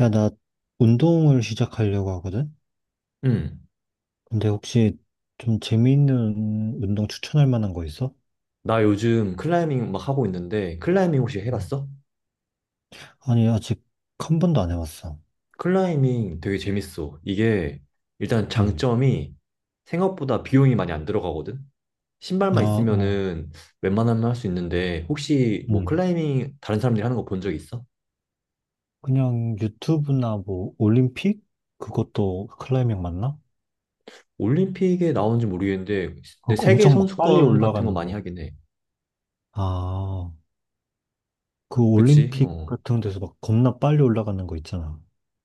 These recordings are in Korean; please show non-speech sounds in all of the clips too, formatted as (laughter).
야, 나 운동을 시작하려고 하거든? 응. 근데 혹시 좀 재미있는 운동 추천할 만한 거 있어? 나 요즘 클라이밍 막 하고 있는데, 클라이밍 혹시 음. 해봤어? 아니, 아직 한 번도 안 해봤어. 클라이밍 되게 재밌어. 이게 일단 응. 장점이 생각보다 비용이 많이 안 들어가거든? 아, 신발만 어, 있으면은 웬만하면 할 수 있는데, 혹시 뭐 응. 클라이밍 다른 사람들이 하는 거 본 적 있어? 그냥 유튜브나 뭐, 올림픽? 그것도 클라이밍 맞나? 올림픽에 나오는지 모르겠는데, 근데 그거 세계 엄청 막 빨리 선수권 같은 거 올라가는 많이 거. 하긴 해. 아, 그 그치? 올림픽 어. 같은 데서 막 겁나 빨리 올라가는 거 있잖아.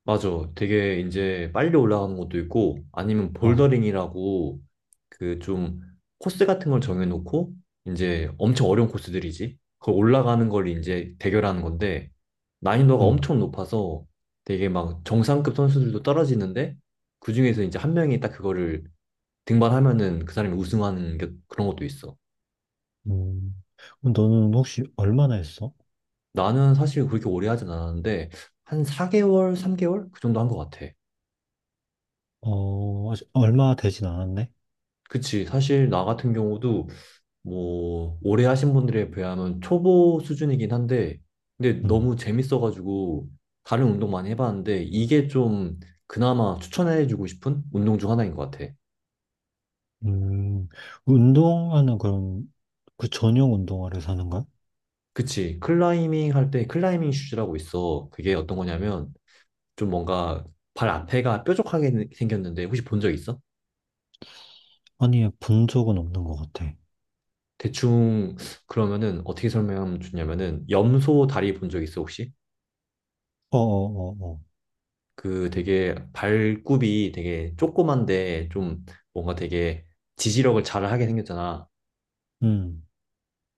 맞아. 되게 이제 빨리 올라가는 것도 있고, 아니면 어, 볼더링이라고 그 좀 코스 같은 걸 정해놓고, 이제 엄청 어려운 코스들이지. 그걸 올라가는 걸 이제 대결하는 건데, 난이도가 응. 엄청 높아서 되게 막 정상급 선수들도 떨어지는데, 그중에서 이제 한 명이 딱 그거를 등반하면은 그 사람이 우승하는 게 그런 것도 있어. 음. 그럼 너는 혹시 얼마나 했어? 나는 사실 그렇게 오래 하진 않았는데, 한 4개월, 3개월? 그 정도 한 것 같아. 어, 아직 얼마 되진 않았네? 그치. 사실 나 같은 경우도 뭐 오래 하신 분들에 비하면 초보 수준이긴 한데 근데 응. 너무 재밌어가지고 다른 운동 많이 해봤는데 이게 좀 그나마 추천해주고 싶은 운동 중 하나인 것 같아. 음, 운동화는 그럼 그 전용 운동화를 사는 거야? 그치. 클라이밍 할 때 클라이밍 슈즈라고 있어. 그게 어떤 거냐면 좀 뭔가 발 앞에가 뾰족하게 생겼는데 혹시 본 적 있어? 아니, 본 적은 없는 것 같아. 대충 그러면은 어떻게 설명하면 좋냐면은 염소 다리 본 적 있어 혹시? 어어어어. 그 되게 발굽이 되게 조그만데 좀 뭔가 되게 지지력을 잘 하게 생겼잖아. 음,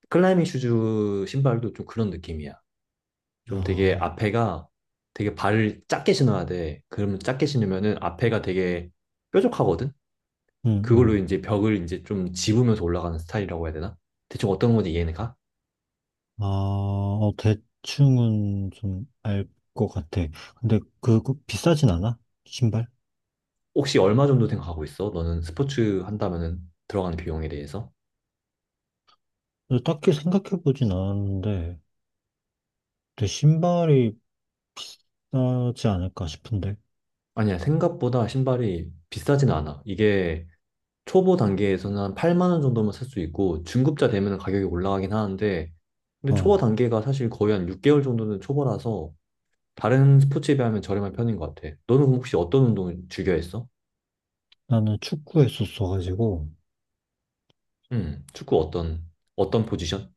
클라이밍 슈즈 신발도 좀 그런 느낌이야. 좀 되게 아, 앞에가 되게 발을 작게 신어야 돼. 그러면 작게 신으면은 앞에가 되게 뾰족하거든? 음, 그걸로 음. 이제 벽을 이제 좀 집으면서 올라가는 스타일이라고 해야 되나? 대충 어떤 건지 이해는 가? 아, 어, 대충은 좀 알 것 같아. 근데 그거 비싸진 않아? 신발? 혹시 얼마 정도 생각하고 있어? 너는 스포츠 한다면은 들어가는 비용에 대해서? 근데 딱히 생각해보진 않았는데, 근데 신발이 싸지 않을까 싶은데. 아니야, 생각보다 신발이 비싸진 않아. 이게 초보 단계에서는 한 8만 원 정도면 살 수 있고 중급자 되면 가격이 올라가긴 하는데 근데 초보 어, 단계가 사실 거의 한 6개월 정도는 초보라서 다른 스포츠에 비하면 저렴한 편인 것 같아. 너는 그럼 혹시 어떤 운동을 즐겨 했어? 나는 축구 했었어가지고. 축구 어떤 포지션?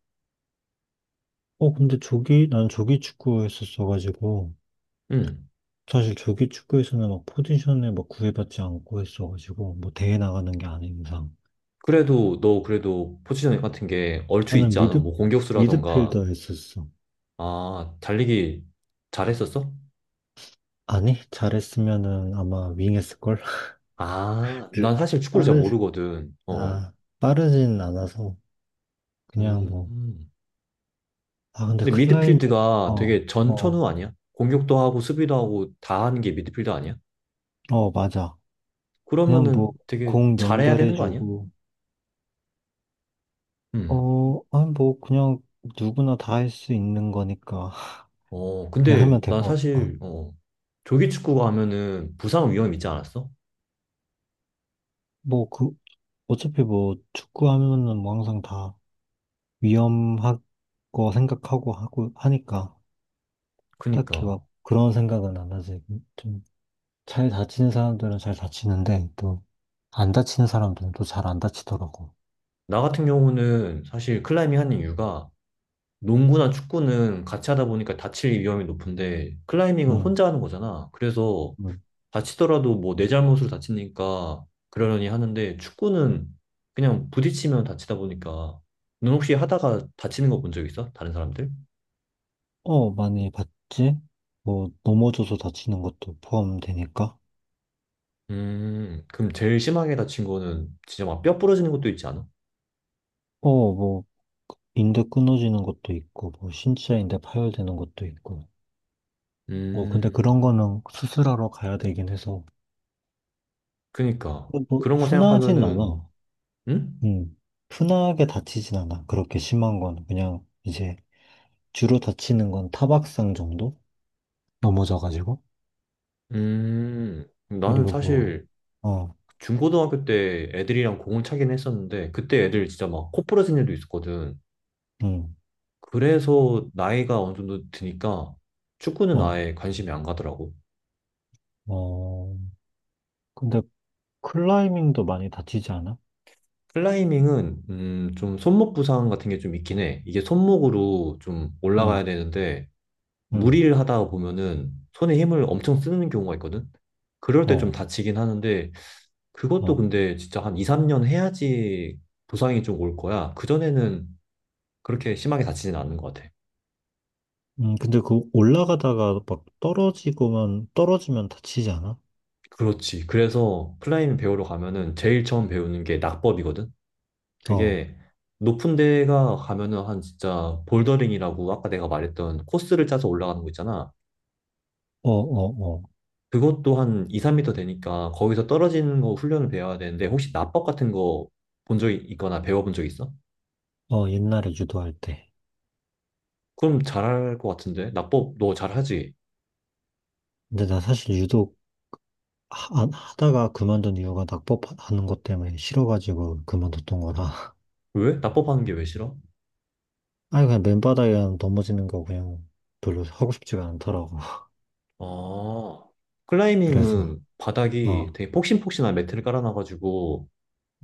어, 근데 조기, 난 조기 축구 했었어가지고. 음, 사실 조기 축구에서는 막 포지션을 막 구애받지 않고 했어가지고 뭐 대회 나가는 게 아닌 이상 그래도 너 그래도 포지션 같은 게 얼추 나는 있지 뭐, 않아? 미드 뭐 미드필 공격수라던가 더 했었어. 아, 달리기 잘했었어? 아니 잘했으면은 아마 윙했을걸. (laughs) 아, 난 사실 축구를 잘 빠르 모르거든. 어. 아 빠르진 않아서 그냥 뭐. 음. 아 근데 근데 클라이밍. 미드필드가 어 되게 어 어 전천후 아니야? 공격도 하고 수비도 하고 다 하는 게 미드필드 아니야? 맞아. 그냥 그러면은 뭐 되게 공 잘해야 되는 거 아니야? 연결해주고 음. 어아뭐 그냥 누구나 다 할 수 있는 거니까. 어, (laughs) 그냥 하면 근데 난 될것 같아. 사실 조기 축구가 하면은 부상 위험 있지 않았어? 뭐, 그, 어차피 뭐, 축구하면은 뭐 항상 다 위험하고 생각하고 하고 하니까 딱히 막 그니까 그런 생각은 안 하지. 좀, 잘 다치는 사람들은 잘 다치는데 또, 안 다치는 사람들은 또 잘 안 다치더라고. 나 같은 경우는 사실 클라이밍 하는 이유가 농구나 축구는 같이 하다 보니까 다칠 위험이 높은데 클라이밍은 응, 혼자 하는 거잖아. 그래서 응. 다치더라도 뭐 내 잘못으로 다치니까 그러려니 하는데 축구는 그냥 부딪히면 다치다 보니까 넌 혹시 하다가 다치는 거 본 적 있어? 다른 사람들? 어, 많이 봤지? 뭐, 넘어져서 다치는 것도 포함되니까. 그럼 제일 심하게 다친 거는 진짜 막 뼈 부러지는 것도 있지 않아? 어, 뭐, 인대 끊어지는 것도 있고, 뭐, 신체 인대 파열되는 것도 있고. 뭐, 음, 근데 그런 거는 수술하러 가야 되긴 해서. 그니까. 뭐, 뭐, 그런 거 흔하진 생각하면은, 않아. 응? 음. 흔하게 다치진 않아. 그렇게 심한 건 그냥 이제 주로 다치는 건 타박상 정도? 넘어져가지고. 나는 그리고 뭐, 사실 어, 중고등학교 때 애들이랑 공을 차긴 했었는데, 그때 애들 진짜 막 코 부러진 애도 있었거든. 음, 그래서 나이가 어느 정도 드니까 축구는 어, 아예 관심이 안 가더라고. 어. 근데 클라이밍도 많이 다치지 않아? 클라이밍은 좀 손목 부상 같은 게 좀 있긴 해. 이게 손목으로 좀 올라가야 음, 되는데 음, 무리를 하다 보면은 손에 힘을 엄청 쓰는 경우가 있거든. 그럴 때 좀 어, 다치긴 하는데 그것도 어. 근데 진짜 한 2, 3년 해야지 부상이 좀 올 거야. 그전에는 그렇게 심하게 다치진 않는 것 같아. 근데 그 올라가다가 막 떨어지고만, 떨어지면 다치지 않아? 그렇지. 그래서 클라이밍 배우러 가면은 제일 처음 배우는 게 낙법이거든. 어, 어, 그게 높은 데가 가면은 한 진짜 볼더링이라고 아까 내가 말했던 코스를 짜서 올라가는 거 있잖아. 어, 그것도 한 2, 3미터 되니까 거기서 떨어지는 거 훈련을 배워야 되는데 혹시 납법 같은 거 본 적이 있거나 배워본 적 있어? 어. 어, 옛날에 유도할 때. 그럼 잘할 것 같은데? 납법 너 잘하지? 근데 나 사실 유도 하다가 그만둔 이유가 낙법하는 것 때문에 싫어가지고 그만뒀던 거라. (laughs) 왜? 납법 하는 게 왜 싫어? 아니, 그냥 맨바닥에 그냥 넘어지는 거 그냥 별로 하고 싶지가 않더라고. (laughs) 아, 그래서, 클라이밍은 어, 바닥이 되게 폭신폭신한 매트를 깔아놔가지고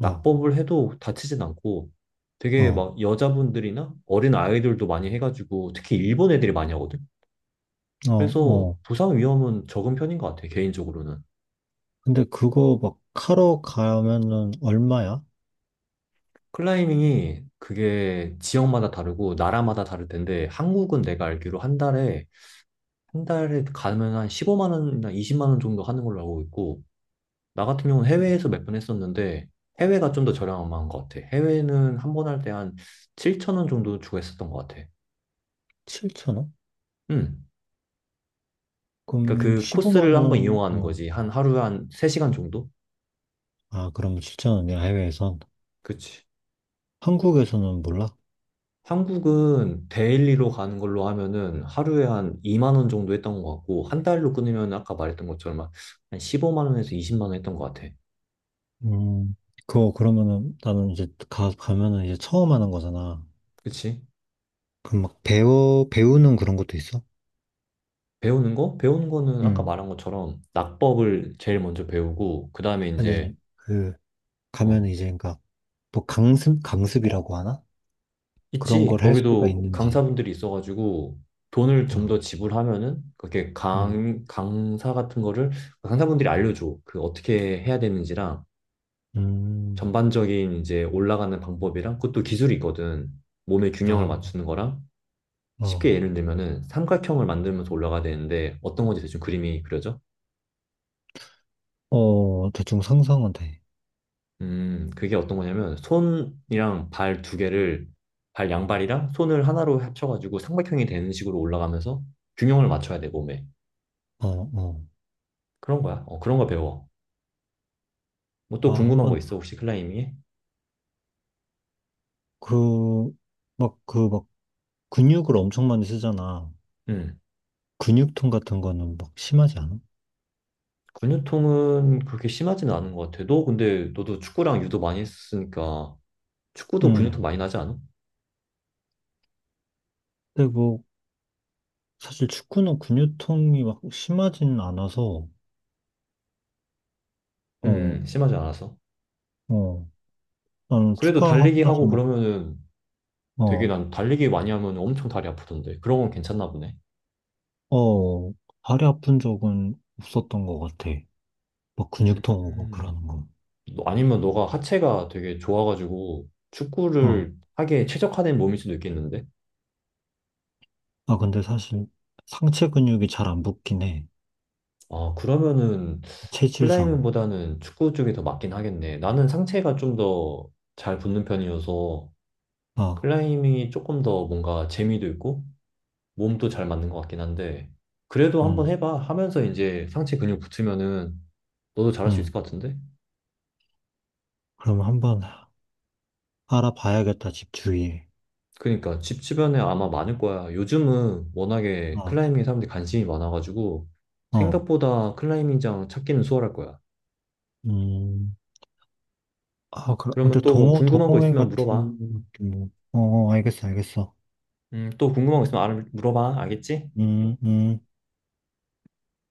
어, 낙법을 해도 다치진 않고 되게 어, 막 여자분들이나 어린 아이들도 많이 해가지고 특히 일본 애들이 많이 하거든. 어, 그래서 어. 부상 위험은 적은 편인 것 같아, 개인적으로는. 근데 그거 막 하러 가면은 얼마야? 클라이밍이 그게 지역마다 다르고 나라마다 다를 텐데 한국은 내가 알기로 한 달에 가면 한 15만 원이나 20만 원 정도 하는 걸로 알고 있고 나 같은 경우는 해외에서 몇 번 했었는데 해외가 좀 더 저렴한 것 같아. 해외는 한 번 할 때 한 7천 원 정도 주고 했었던 것 같아. 7천 원? 음. 그러니까 그럼 그 15만 코스를 한번 원, 이용하는 어. 거지. 한 하루에 한 3시간 정도? 아, 그러면 7천 원이야, 해외에선. 그치. 한국에서는 몰라? 한국은 데일리로 가는 걸로 하면은 하루에 한 2만 원 정도 했던 것 같고, 한 달로 끊으면 아까 말했던 것처럼 한 15만 원에서 20만 원 했던 것 같아. 음, 그거 그러면은 나는 이제 가면은 이제 처음 하는 거잖아. 그치? 그럼 막 배우는 그런 것도 있어? 배우는 거? 배우는 거는 아까 음, 말한 것처럼 낙법을 제일 먼저 배우고, 그 다음에 아니, 이제, 아니, 그, 가면 어, 이제, 그니까 또 강습이라고 하나? 그런 있지. 걸 할 수가 거기도 있는지. 강사분들이 있어가지고 돈을 좀 어, 더 지불하면은 그렇게 음, 강 강사 같은 거를 강사분들이 알려줘. 그 어떻게 해야 되는지랑 음, 전반적인 이제 올라가는 방법이랑 그것도 기술이 있거든. 몸의 균형을 어, 맞추는 거랑 어, 쉽게 예를 들면은 삼각형을 만들면서 올라가야 되는데 어떤 건지 대충 그림이 그려져? 어, 대충 상상은 돼. 그게 어떤 거냐면 손이랑 발 두 개를 발 양발이랑 손을 하나로 합쳐가지고 삼각형이 되는 식으로 올라가면서 균형을 맞춰야 돼, 몸에. 어, 어. 그런 거야. 어, 그런 거 배워. 뭐 또 아, 궁금한 거 한번, 있어? 혹시 클라이밍에? 그, 막, 그, 막, 근육을 엄청 많이 쓰잖아. 음. 근육통 같은 거는 막 심하지 않아? 근육통은 그렇게 심하지는 않은 것 같아. 너 근데 너도 축구랑 유도 많이 했으니까 축구도 근육통 응. 많이 나지 않아? 근데 뭐, 사실 축구는 근육통이 막 심하지는 않아서, 어, 심하지 않아서. 어. 나는 그래도 축구하고 달리기 나서 하고 막, 그러면은 되게 어. 난 달리기 많이 하면 엄청 다리 아프던데. 그런 건 괜찮나 보네. 어, 다리 아픈 적은 없었던 것 같아. 막 음. 근육통 오고 음. 그러는 거. 아니면 너가 하체가 되게 좋아가지고 어, 축구를 하게 최적화된 몸일 수도 있겠는데? 아, 근데 사실 상체 근육이 잘 안 붙긴 해. 아, 그러면은 체질상. 클라이밍보다는 축구 쪽이 더 맞긴 하겠네. 나는 상체가 좀 더 잘 붙는 편이어서 어, 클라이밍이 조금 더 뭔가 재미도 있고 몸도 잘 맞는 것 같긴 한데 그래도 한번 음, 해봐 하면서 이제 상체 근육 붙으면은 너도 잘할 수 있을 음. 것 같은데? 그럼 한번 알아봐야겠다, 집 주위에. 그러니까 집 주변에 아마 많을 거야. 요즘은 워낙에 어, 클라이밍에 사람들이 관심이 많아가지고 어, 생각보다 클라이밍장 찾기는 수월할 거야. 음. 아, 그래. 그러면 근데 또 뭐 궁금한 거 동호회 있으면 같은, 물어봐. 느낌으로. 어, 어, 알겠어, 알겠어. 또 궁금한 거 있으면 물어봐. 알겠지? 음, 음.